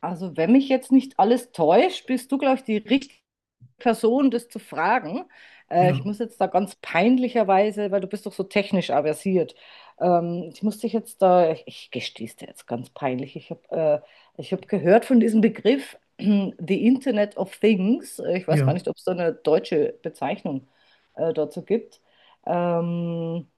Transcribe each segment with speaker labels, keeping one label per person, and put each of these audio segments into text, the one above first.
Speaker 1: Also, wenn mich jetzt nicht alles täuscht, bist du, glaube ich, die richtige Person, das zu fragen.
Speaker 2: Ja,
Speaker 1: Ich muss jetzt da ganz peinlicherweise, weil du bist doch so technisch aversiert. Ich muss dich jetzt da, ich gestehe es dir jetzt ganz peinlich. Ich hab gehört von diesem Begriff, The Internet of Things. Ich weiß gar
Speaker 2: ja.
Speaker 1: nicht, ob es da eine deutsche Bezeichnung dazu gibt. Ähm,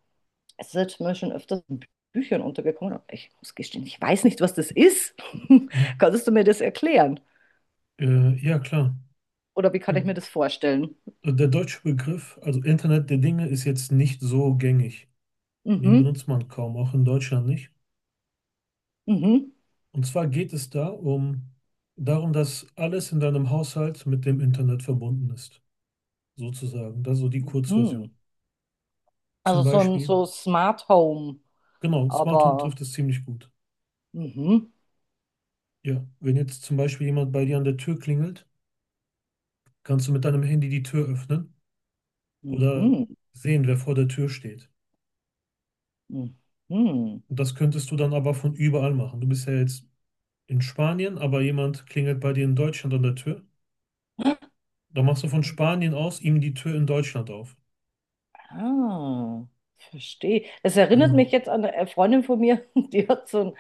Speaker 1: Es ist jetzt mir schon öfters in Büchern untergekommen, aber ich muss gestehen, ich weiß nicht, was das ist.
Speaker 2: Mhm.
Speaker 1: Kannst du mir das erklären?
Speaker 2: Ja, klar.
Speaker 1: Oder wie kann ich mir
Speaker 2: Mhm.
Speaker 1: das vorstellen?
Speaker 2: Der deutsche Begriff, also Internet der Dinge, ist jetzt nicht so gängig. Den
Speaker 1: Mhm,
Speaker 2: benutzt man kaum, auch in Deutschland nicht.
Speaker 1: mhm,
Speaker 2: Und zwar geht es da um darum, dass alles in deinem Haushalt mit dem Internet verbunden ist, sozusagen. Das ist so die
Speaker 1: mhm.
Speaker 2: Kurzversion. Zum
Speaker 1: Also so ein
Speaker 2: Beispiel,
Speaker 1: so Smart Home,
Speaker 2: genau, Smart Home trifft
Speaker 1: aber,
Speaker 2: es ziemlich gut.
Speaker 1: mhm,
Speaker 2: Ja, wenn jetzt zum Beispiel jemand bei dir an der Tür klingelt, kannst du mit deinem Handy die Tür öffnen oder
Speaker 1: mhm,
Speaker 2: sehen, wer vor der Tür steht.
Speaker 1: mhm.
Speaker 2: Und das könntest du dann aber von überall machen. Du bist ja jetzt in Spanien, aber jemand klingelt bei dir in Deutschland an der Tür. Dann machst du von Spanien aus ihm die Tür in Deutschland auf.
Speaker 1: Ah, verstehe. Es erinnert
Speaker 2: Genau.
Speaker 1: mich jetzt an eine Freundin von mir,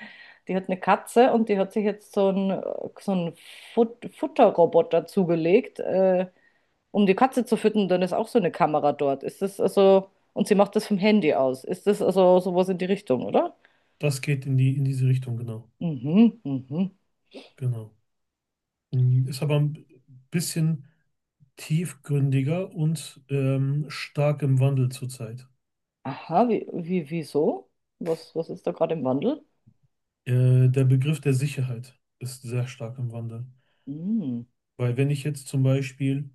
Speaker 1: die hat eine Katze und die hat sich jetzt so einen Futterroboter zugelegt. Um die Katze zu füttern, dann ist auch so eine Kamera dort. Und sie macht das vom Handy aus. Ist das also sowas in die Richtung, oder?
Speaker 2: Das geht in diese Richtung, genau.
Speaker 1: Mhm, mhm.
Speaker 2: Genau. Ist aber ein bisschen tiefgründiger und stark im Wandel zurzeit.
Speaker 1: Aha, wieso? Was ist da gerade im Wandel?
Speaker 2: Der Begriff der Sicherheit ist sehr stark im Wandel.
Speaker 1: Mhm.
Speaker 2: Weil wenn ich jetzt zum Beispiel,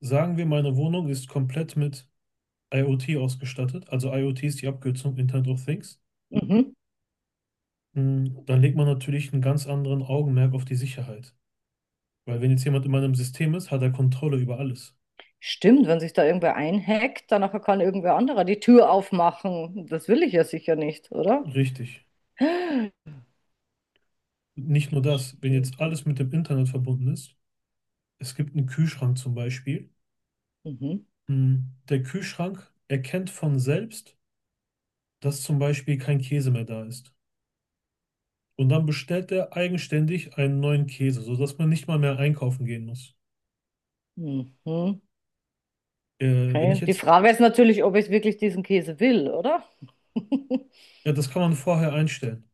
Speaker 2: sagen wir, meine Wohnung ist komplett mit IoT ausgestattet, also IoT ist die Abkürzung Internet of Things.
Speaker 1: Mhm.
Speaker 2: Dann legt man natürlich einen ganz anderen Augenmerk auf die Sicherheit. Weil wenn jetzt jemand in meinem System ist, hat er Kontrolle über alles.
Speaker 1: Stimmt, wenn sich da irgendwer einhackt, dann kann irgendwer anderer die Tür aufmachen. Das will ich ja sicher nicht, oder?
Speaker 2: Richtig. Nicht nur das, wenn
Speaker 1: Stimmt.
Speaker 2: jetzt alles mit dem Internet verbunden ist, es gibt einen Kühlschrank zum Beispiel.
Speaker 1: Mhm.
Speaker 2: mm, Der Kühlschrank erkennt von selbst, dass zum Beispiel kein Käse mehr da ist. Und dann bestellt er eigenständig einen neuen Käse, sodass man nicht mal mehr einkaufen gehen muss.
Speaker 1: Mhm.
Speaker 2: Wenn ich
Speaker 1: Okay. Die
Speaker 2: jetzt,
Speaker 1: Frage ist natürlich, ob ich wirklich diesen Käse will, oder?
Speaker 2: Ja, das kann man vorher einstellen.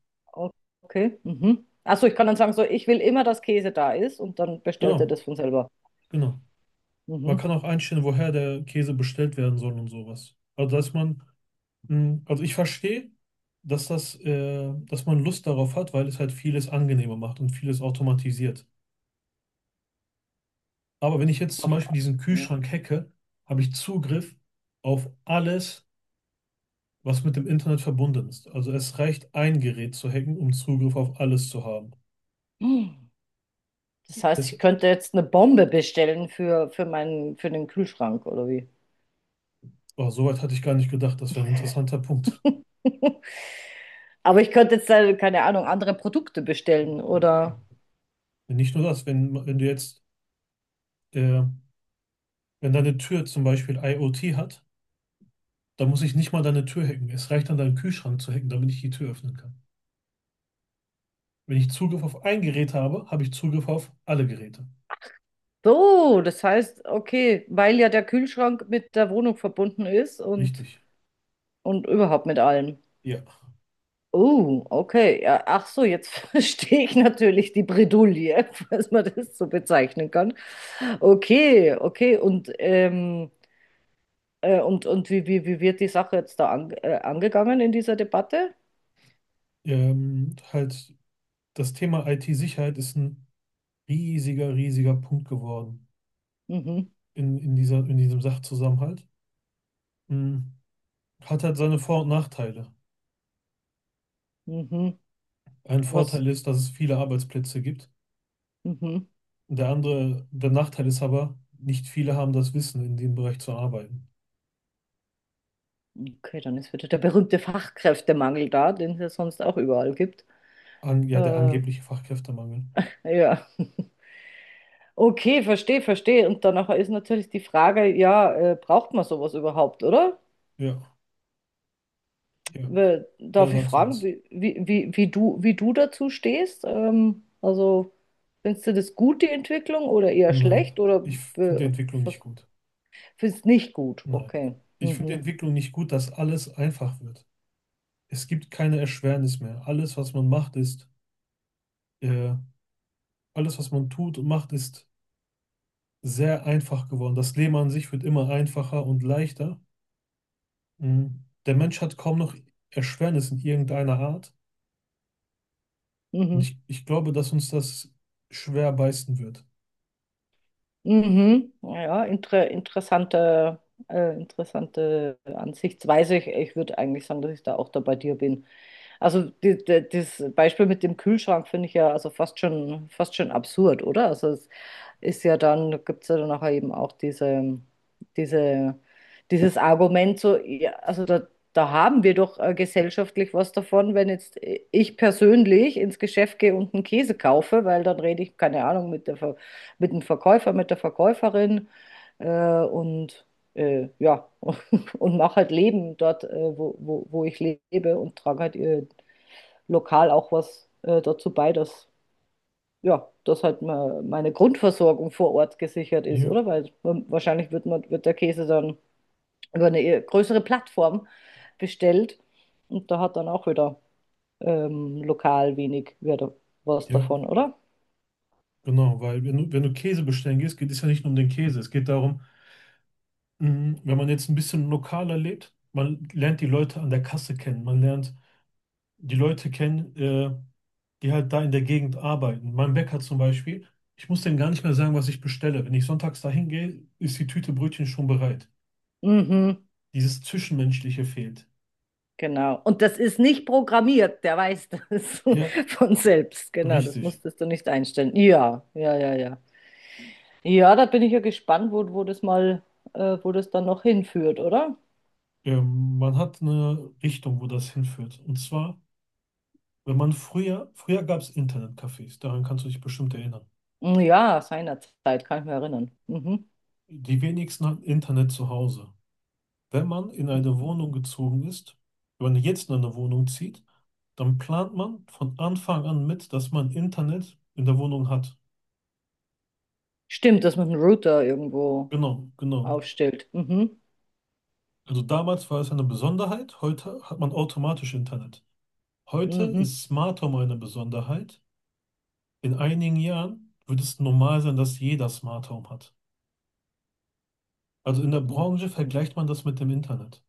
Speaker 1: Okay. Mhm. Achso, ich kann dann sagen, so, ich will immer, dass Käse da ist und dann bestellt er
Speaker 2: Genau,
Speaker 1: das von selber.
Speaker 2: genau. Man
Speaker 1: Mhm.
Speaker 2: kann auch einstellen, woher der Käse bestellt werden soll und sowas. Also ich verstehe, dass man Lust darauf hat, weil es halt vieles angenehmer macht und vieles automatisiert. Aber wenn ich jetzt zum
Speaker 1: Auf,
Speaker 2: Beispiel diesen
Speaker 1: ja.
Speaker 2: Kühlschrank hacke, habe ich Zugriff auf alles, was mit dem Internet verbunden ist. Also es reicht ein Gerät zu hacken, um Zugriff auf alles zu haben.
Speaker 1: Hm. Das heißt,
Speaker 2: Das,
Speaker 1: ich könnte jetzt eine Bombe bestellen für den Kühlschrank oder wie?
Speaker 2: oh, soweit hatte ich gar nicht gedacht. Das wäre ein interessanter Punkt.
Speaker 1: Aber ich könnte jetzt, keine Ahnung, andere Produkte bestellen oder.
Speaker 2: Nicht nur das, wenn du jetzt, äh, wenn deine Tür zum Beispiel IoT hat, da muss ich nicht mal deine Tür hacken. Es reicht dann, deinen Kühlschrank zu hacken, damit ich die Tür öffnen kann. Wenn ich Zugriff auf ein Gerät habe, habe ich Zugriff auf alle Geräte.
Speaker 1: So, das heißt, okay, weil ja der Kühlschrank mit der Wohnung verbunden ist und,
Speaker 2: Richtig.
Speaker 1: und überhaupt mit allem.
Speaker 2: Ja.
Speaker 1: Oh, okay. Ja, ach so, jetzt verstehe ich natürlich die Bredouille, falls man das so bezeichnen kann. Okay, okay. Und wie wird die Sache jetzt da angegangen in dieser Debatte?
Speaker 2: Ähm, halt, Das Thema IT-Sicherheit ist ein riesiger, riesiger Punkt geworden
Speaker 1: Mhm,
Speaker 2: in dieser, in diesem Sachzusammenhalt. Hm. Hat halt seine Vor- und Nachteile.
Speaker 1: mhm.
Speaker 2: Ein
Speaker 1: Was?
Speaker 2: Vorteil ist, dass es viele Arbeitsplätze gibt.
Speaker 1: Mhm.
Speaker 2: Der Nachteil ist aber, nicht viele haben das Wissen, in dem Bereich zu arbeiten.
Speaker 1: Okay, dann ist wieder der berühmte Fachkräftemangel da, den es ja sonst auch überall gibt.
Speaker 2: An, ja, der
Speaker 1: Äh,
Speaker 2: angebliche Fachkräftemangel.
Speaker 1: ja. Okay, verstehe, verstehe. Und danach ist natürlich die Frage, ja, braucht man sowas überhaupt, oder?
Speaker 2: Ja. Ja. Da
Speaker 1: Darf ich
Speaker 2: sagst du
Speaker 1: fragen,
Speaker 2: was.
Speaker 1: wie du dazu stehst? Also, findest du das gut, die Entwicklung, oder eher
Speaker 2: Nein,
Speaker 1: schlecht, oder
Speaker 2: ich
Speaker 1: äh,
Speaker 2: finde die Entwicklung nicht
Speaker 1: was-
Speaker 2: gut.
Speaker 1: findest nicht gut?
Speaker 2: Nein,
Speaker 1: Okay.
Speaker 2: ich finde die
Speaker 1: Mhm.
Speaker 2: Entwicklung nicht gut, dass alles einfach wird. Es gibt keine Erschwernis mehr. Äh, Alles, was man tut und macht, ist sehr einfach geworden. Das Leben an sich wird immer einfacher und leichter. Mhm. Der Mensch hat kaum noch Erschwernis in irgendeiner Art. Und
Speaker 1: Mhm.
Speaker 2: ich glaube, dass uns das schwer beißen wird.
Speaker 1: Mhm. Ja, interessante Ansichtsweise. Ich würde eigentlich sagen, dass ich da auch da bei dir bin. Also, das Beispiel mit dem Kühlschrank finde ich ja also fast schon absurd, oder? Also, es ist ja dann, gibt es ja dann nachher eben auch diese, dieses Argument, so, ja, also da haben wir doch gesellschaftlich was davon, wenn jetzt ich persönlich ins Geschäft gehe und einen Käse kaufe, weil dann rede ich, keine Ahnung, mit dem Verkäufer, mit der Verkäuferin äh, und ja, und mache halt Leben dort, wo ich lebe und trage halt lokal auch was dazu bei, dass halt meine Grundversorgung vor Ort gesichert ist,
Speaker 2: Ja,
Speaker 1: oder? Weil wahrscheinlich wird der Käse dann über eine eher größere Plattform bestellt und da hat dann auch wieder lokal wenig wieder was
Speaker 2: ja,
Speaker 1: davon, oder?
Speaker 2: genau. Weil wenn du Käse bestellen gehst, geht es ja nicht nur um den Käse. Es geht darum, wenn man jetzt ein bisschen lokaler lebt, man lernt die Leute an der Kasse kennen. Man lernt die Leute kennen, die halt da in der Gegend arbeiten. Mein Bäcker zum Beispiel, ich muss dem gar nicht mehr sagen, was ich bestelle. Wenn ich sonntags dahin gehe, ist die Tüte Brötchen schon bereit.
Speaker 1: Mhm,
Speaker 2: Dieses Zwischenmenschliche fehlt.
Speaker 1: genau. Und das ist nicht programmiert, der weiß das
Speaker 2: Ja,
Speaker 1: von selbst. Genau, das
Speaker 2: richtig.
Speaker 1: musstest du nicht einstellen. Ja, ja, ja, ja. Ja, da bin ich ja gespannt, wo das dann noch hinführt, oder?
Speaker 2: Man hat eine Richtung, wo das hinführt. Und zwar, wenn man früher, früher gab es Internetcafés, daran kannst du dich bestimmt erinnern.
Speaker 1: Ja, seinerzeit kann ich mich erinnern. Mhm.
Speaker 2: Die wenigsten hatten Internet zu Hause. Wenn man in eine
Speaker 1: Mhm.
Speaker 2: Wohnung gezogen ist, Wenn man jetzt in eine Wohnung zieht, dann plant man von Anfang an mit, dass man Internet in der Wohnung hat.
Speaker 1: Stimmt, dass man einen Router irgendwo
Speaker 2: Genau, genau.
Speaker 1: aufstellt. Mhm.
Speaker 2: Also damals war es eine Besonderheit, heute hat man automatisch Internet. Heute
Speaker 1: Mhm.
Speaker 2: ist Smart Home eine Besonderheit. In einigen Jahren wird es normal sein, dass jeder Smart Home hat. Also in der Branche
Speaker 1: Okay.
Speaker 2: vergleicht man das mit dem Internet.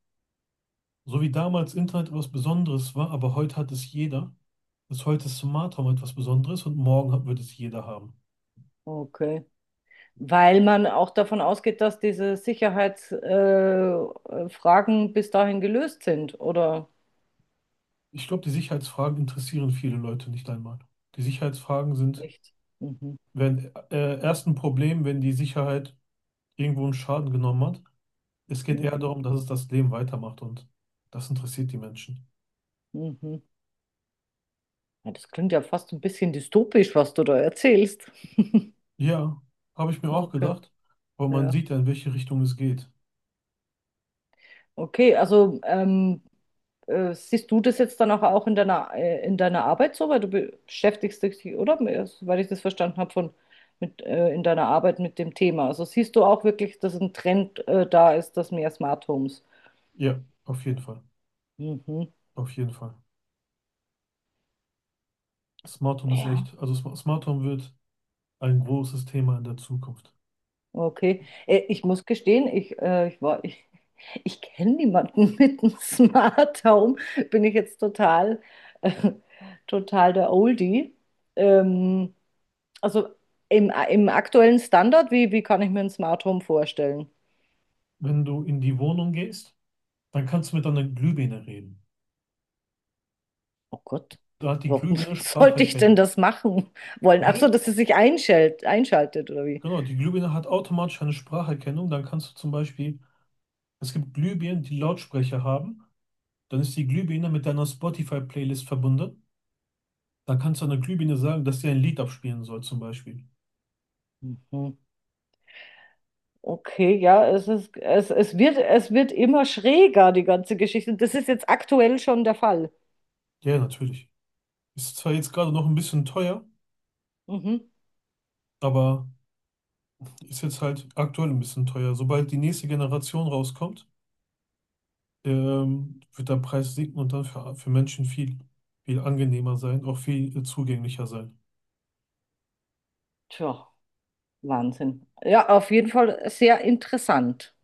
Speaker 2: So wie damals Internet etwas Besonderes war, aber heute hat es jeder, ist heute Smart Home etwas Besonderes und morgen wird es jeder haben.
Speaker 1: Okay. Weil man auch davon ausgeht, dass diese Sicherheitsfragen Fragen bis dahin gelöst sind, oder?
Speaker 2: Ich glaube, die Sicherheitsfragen interessieren viele Leute nicht einmal. Die Sicherheitsfragen sind,
Speaker 1: Echt? Mhm.
Speaker 2: wenn erst ein Problem, wenn die Sicherheit irgendwo einen Schaden genommen hat. Es geht eher
Speaker 1: Mhm.
Speaker 2: darum, dass es das Leben weitermacht und das interessiert die Menschen.
Speaker 1: Mhm. Ja, das klingt ja fast ein bisschen dystopisch, was du da erzählst.
Speaker 2: Ja, habe ich mir auch
Speaker 1: Okay.
Speaker 2: gedacht, aber man
Speaker 1: Ja.
Speaker 2: sieht ja, in welche Richtung es geht.
Speaker 1: Okay, also siehst du das jetzt dann auch in deiner Arbeit so? Weil du beschäftigst dich, oder? Weil ich das verstanden habe in deiner Arbeit mit dem Thema. Also siehst du auch wirklich, dass ein Trend da ist, dass mehr Smart Homes.
Speaker 2: Ja, auf jeden Fall.
Speaker 1: Mhm.
Speaker 2: Auf jeden Fall. Smart Home ist
Speaker 1: Ja,
Speaker 2: echt, also Smart Home wird ein großes Thema in der Zukunft.
Speaker 1: okay. Ich muss gestehen, ich kenne niemanden mit einem Smart Home. Bin ich jetzt äh, total der Oldie. Ähm, Also im aktuellen Standard, wie kann ich mir ein Smart Home vorstellen?
Speaker 2: Wenn du in die Wohnung gehst, dann kannst du mit deiner Glühbirne reden.
Speaker 1: Oh Gott,
Speaker 2: Da hat die
Speaker 1: warum
Speaker 2: Glühbirne
Speaker 1: sollte ich denn
Speaker 2: Spracherkennung.
Speaker 1: das machen wollen?
Speaker 2: Du,
Speaker 1: Ach so,
Speaker 2: red,
Speaker 1: dass es sich einschaltet oder wie?
Speaker 2: Genau, die Glühbirne hat automatisch eine Spracherkennung. Dann kannst du zum Beispiel, Es gibt Glühbirnen, die Lautsprecher haben. Dann ist die Glühbirne mit deiner Spotify-Playlist verbunden. Dann kannst du einer Glühbirne sagen, dass sie ein Lied abspielen soll, zum Beispiel.
Speaker 1: Mhm. Okay, ja, es ist, es, es wird immer schräger, die ganze Geschichte. Das ist jetzt aktuell schon der Fall.
Speaker 2: Ja, natürlich. Ist zwar jetzt gerade noch ein bisschen teuer,
Speaker 1: Mhm.
Speaker 2: aber Ist jetzt halt aktuell ein bisschen teuer. Sobald die nächste Generation rauskommt, wird der Preis sinken und dann für Menschen viel, viel angenehmer sein, auch viel zugänglicher sein.
Speaker 1: Tja, Wahnsinn. Ja, auf jeden Fall sehr interessant.